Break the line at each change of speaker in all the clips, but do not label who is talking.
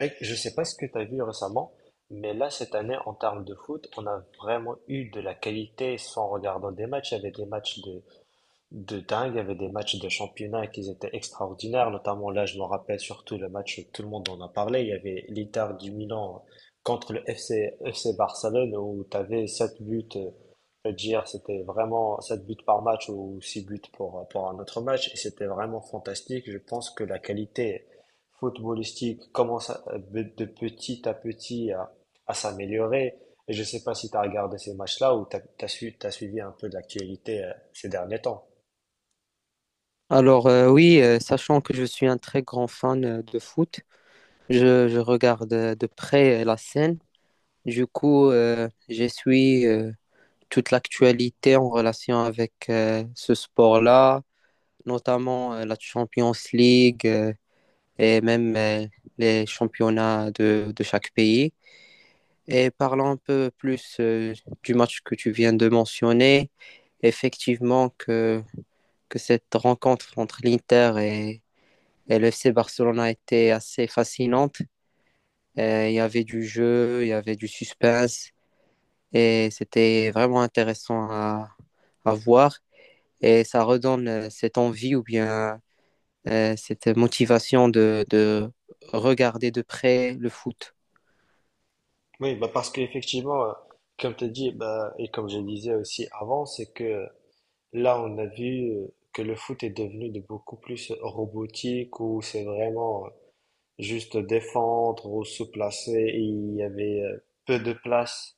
Mec, je sais pas ce que tu as vu récemment, mais là, cette année, en termes de foot, on a vraiment eu de la qualité. Sans regarder des matchs, il y avait des matchs de dingue. Il y avait des matchs de championnat qui étaient extraordinaires, notamment là, je me rappelle surtout le match où tout le monde en a parlé. Il y avait l'Inter du Milan contre le FC Barcelone où tu avais 7 buts, je veux dire, c'était vraiment 7 buts par match ou 6 buts pour un autre match. Et c'était vraiment fantastique. Je pense que la qualité footballistique commence à- de petit à petit à s'améliorer. Et je sais pas si tu as regardé ces matchs-là ou tu as suivi un peu de l'actualité ces derniers temps.
Alors, oui, sachant que je suis un très grand fan de foot, je regarde de près la scène. Du coup, je suis toute l'actualité en relation avec ce sport-là, notamment la Champions League et même les championnats de chaque pays. Et parlons un peu plus du match que tu viens de mentionner. Effectivement que cette rencontre entre l'Inter et le FC Barcelone a été assez fascinante. Et il y avait du jeu, il y avait du suspense et c'était vraiment intéressant à voir. Et ça redonne cette envie ou bien cette motivation de regarder de près le foot.
Oui, bah parce qu'effectivement, comme tu as dit, bah, et comme je le disais aussi avant, c'est que là, on a vu que le foot est devenu de beaucoup plus robotique, où c'est vraiment juste défendre ou se placer, et il y avait peu de place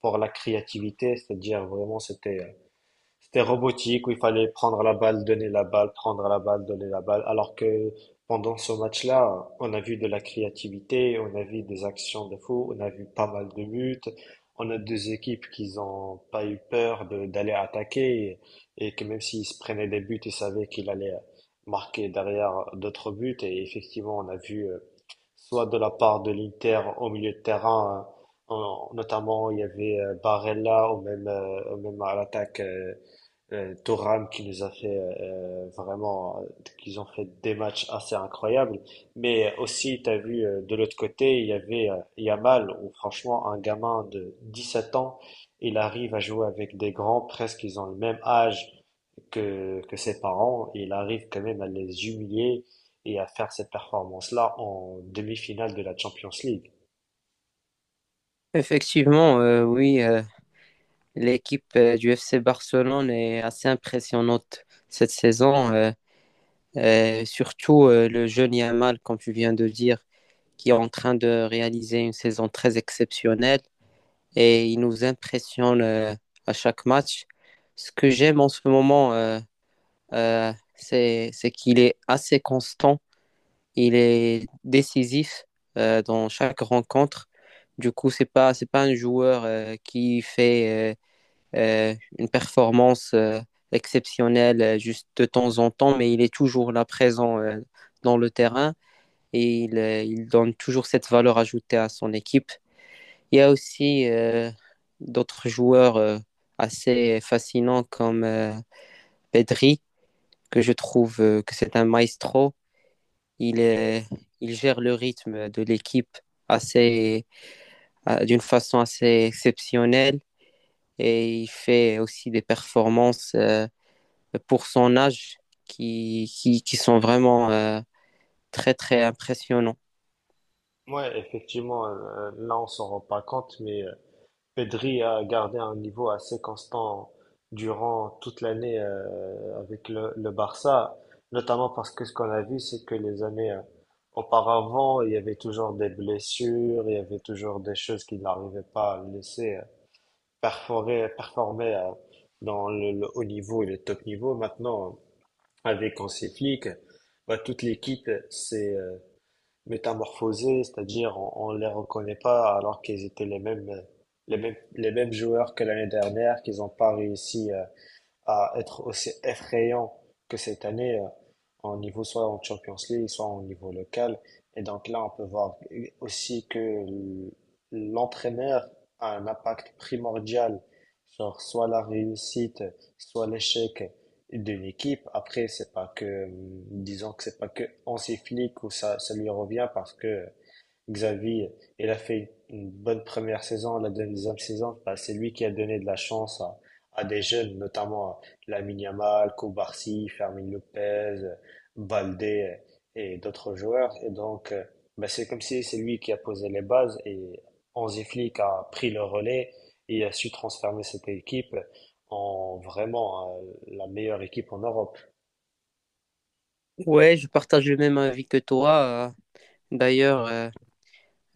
pour la créativité, c'est-à-dire vraiment c'était c'était robotique où il fallait prendre la balle, donner la balle, prendre la balle, donner la balle. Alors que pendant ce match-là, on a vu de la créativité, on a vu des actions de fou, on a vu pas mal de buts. On a deux équipes qui n'ont pas eu peur de- d'aller attaquer et que même s'ils se prenaient des buts, ils savaient qu'il allait marquer derrière d'autres buts. Et effectivement, on a vu soit de la part de l'Inter au milieu de terrain, hein, en- notamment il y avait Barella ou même à l'attaque. Thuram qui nous a fait vraiment, qu'ils ont fait des matchs assez incroyables. Mais aussi, tu as vu de l'autre côté, il y avait Yamal, où franchement, un gamin de 17 ans, il arrive à jouer avec des grands, presque ils ont le même âge que ses parents, et il arrive quand même à les humilier et à faire cette performance-là en demi-finale de la Champions League.
Effectivement, oui, l'équipe du FC Barcelone est assez impressionnante cette saison, et surtout le jeune Yamal, comme tu viens de dire, qui est en train de réaliser une saison très exceptionnelle et il nous impressionne à chaque match. Ce que j'aime en ce moment, c'est qu'il est assez constant, il est décisif dans chaque rencontre. Du coup, c'est pas un joueur qui fait une performance exceptionnelle juste de temps en temps, mais il est toujours là présent dans le terrain et il donne toujours cette valeur ajoutée à son équipe. Il y a aussi d'autres joueurs assez fascinants comme Pedri, que je trouve que c'est un maestro. Il, est- il gère le rythme de l'équipe assez, d'une façon assez exceptionnelle et il fait aussi des performances pour son âge qui sont vraiment très, très impressionnants.
Ouais, effectivement, là on s'en rend pas compte, mais Pedri a gardé un niveau assez constant durant toute l'année avec le Barça, notamment parce que ce qu'on a vu, c'est que les années auparavant, il y avait toujours des blessures, il y avait toujours des choses qu'il n'arrivait pas à laisser perforer, performer dans le haut niveau et le top niveau. Maintenant, avec Hansi Flick, bah, toute l'équipe s'est métamorphosés, c'est-à-dire on les reconnaît pas alors qu'ils étaient les mêmes joueurs que l'année dernière qu'ils n'ont pas réussi à être aussi effrayant que cette année en niveau soit en Champions League, soit en niveau local. Et donc là, on peut voir aussi que l- l'entraîneur a un impact primordial sur soit la réussite, soit l'échec d'une équipe. Après, c'est pas que, disons que c'est pas que Hansi Flick ou ça lui revient parce que Xavi, il a fait une bonne première saison, la deuxième saison, bah, c'est lui qui a donné de la chance à des jeunes, notamment à Lamine Yamal, Koubarsi, Fermin Lopez, Baldé et d'autres joueurs. Et donc, bah, c'est comme si c'est lui qui a posé les bases et Hansi Flick a pris le relais et a su transformer cette équipe en vraiment la meilleure équipe en Europe.
Ouais, je partage le même avis que toi. D'ailleurs, euh,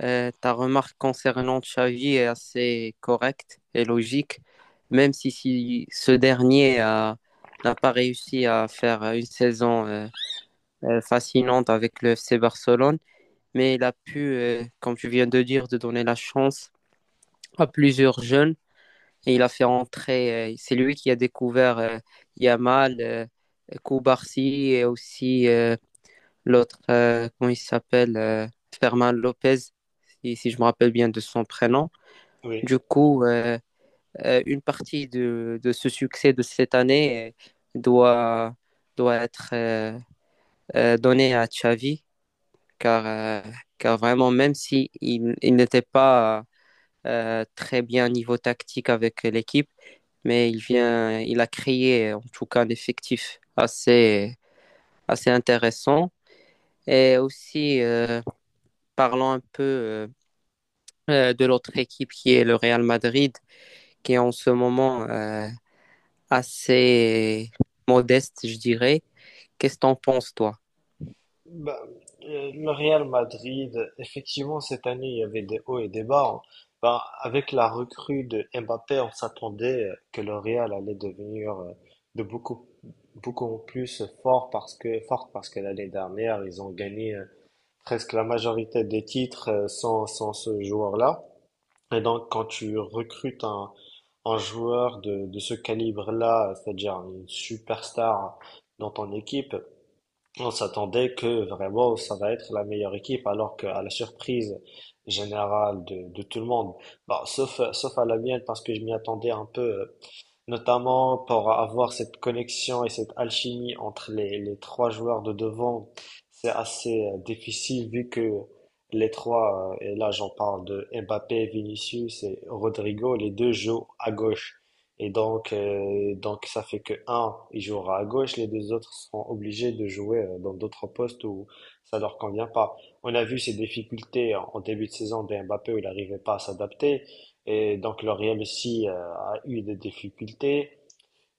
euh, ta remarque concernant Xavi est assez correcte et logique, même si ce dernier n'a pas réussi à faire une saison fascinante avec le FC Barcelone, mais il a pu, comme tu viens de dire, de donner la chance à plusieurs jeunes et il a fait entrer, c'est lui qui a découvert Yamal, Koubarsi et aussi l'autre, comment il s'appelle Fermin Lopez, si je me rappelle bien de son prénom.
Oui.
Du coup, une partie de ce succès de cette année euh, doit, doit être donnée à Xavi, car, euh, car vraiment, même si il n'était pas très bien niveau tactique avec l'équipe, mais il vient, il a créé en tout cas un effectif assez, assez intéressant. Et aussi, parlons un peu de l'autre équipe qui est le Real Madrid, qui est en ce moment assez modeste, je dirais. Qu'est-ce que t'en penses, toi?
Bah, le Real Madrid, effectivement, cette année, il y avait des hauts et des bas, hein. Bah, avec la recrue de Mbappé, on s'attendait que le Real allait devenir de beaucoup plus fort parce que, forte parce que l'année dernière, ils ont gagné presque la majorité des titres sans, sans ce joueur-là. Et donc, quand tu recrutes un joueur de ce calibre-là, c'est-à-dire une superstar dans ton équipe, on s'attendait que vraiment ça va être la meilleure équipe, alors qu'à la surprise générale de tout le monde, bah, sauf, sauf à la mienne parce que je m'y attendais un peu notamment pour avoir cette connexion et cette alchimie entre les trois joueurs de devant. C'est assez difficile vu que les trois, et là j'en parle de Mbappé, Vinicius et Rodrigo, les deux jouent à gauche. Et donc ça fait que un, il jouera à gauche, les deux autres seront obligés de jouer dans d'autres postes où ça leur convient pas. On a vu ces difficultés en en début de saison de Mbappé où il n'arrivait pas à s'adapter. Et donc L'Oréal aussi a eu des difficultés.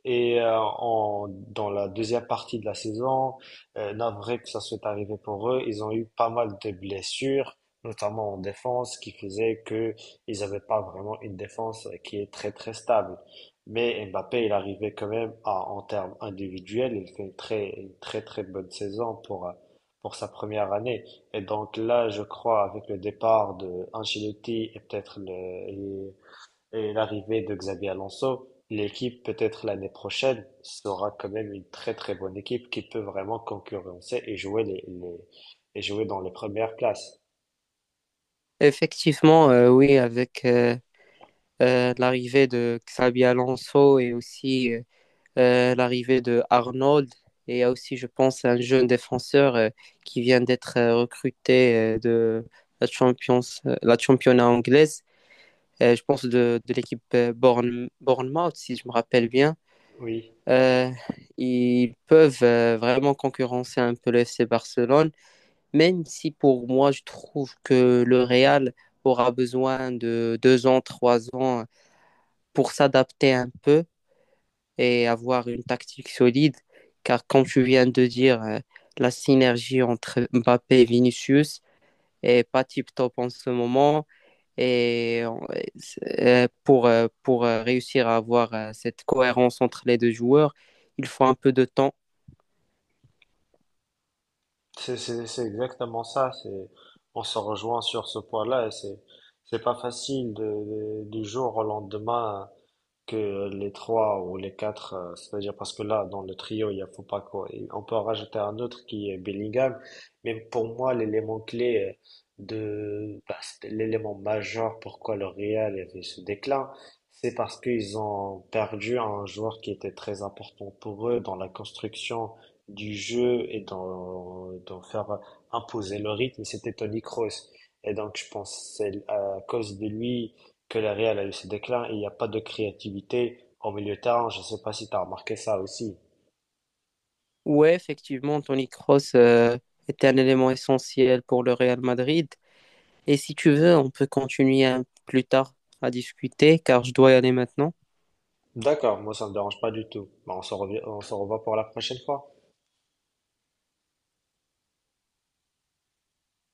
Et en- dans la deuxième partie de la saison, navré que ça soit arrivé pour eux, ils ont eu pas mal de blessures, notamment en défense, qui faisait que ils n'avaient pas vraiment une défense qui est très très stable. Mais Mbappé, il arrivait quand même à, en termes individuels, il fait une très très bonne saison pour sa première année. Et donc là, je crois, avec le départ de Ancelotti et peut-être et l'arrivée de Xabi Alonso, l'équipe peut-être l'année prochaine sera quand même une très très bonne équipe qui peut vraiment concurrencer et jouer les- et jouer dans les premières places.
Effectivement, oui, avec l'arrivée de Xabi Alonso et aussi l'arrivée de Arnold, et il y a aussi, je pense, un jeune défenseur qui vient d'être recruté de la Champions, la championnat anglaise, je pense de l'équipe Bournemouth, si je me rappelle bien.
Oui,
Euh, ils peuvent vraiment concurrencer un peu le FC Barcelone, même si pour moi, je trouve que le Real aura besoin de 2 ans, 3 ans pour s'adapter un peu et avoir une tactique solide. Car comme tu viens de dire, la synergie entre Mbappé et Vinicius est pas tip-top en ce moment. Et pour réussir à avoir cette cohérence entre les deux joueurs, il faut un peu de temps.
c'est exactement ça. C'est on se rejoint sur ce point-là. C'est pas facile de- du jour au lendemain que les trois ou les quatre, c'est-à-dire parce que là, dans le trio, il y a faut Fopako, et on peut en rajouter un autre qui est Bellingham, mais pour moi, l'élément clé de, bah, c'était l'élément majeur pourquoi le Real avait ce déclin, c'est parce qu'ils ont perdu un joueur qui était très important pour eux dans la construction du jeu et dans, dans faire imposer le rythme, c'était Toni Kroos. Et donc, je pense que c'est à cause de lui, que le réel a eu ses déclins, et il n'y a pas de créativité au milieu de terrain. Je ne sais pas si tu as remarqué ça aussi.
Ouais, effectivement, Tony Kroos était un élément essentiel pour le Real Madrid. Et si tu veux, on peut continuer plus tard à discuter, car je dois y aller maintenant.
D'accord, moi ça me dérange pas du tout. Bah, on se revoit pour la prochaine fois.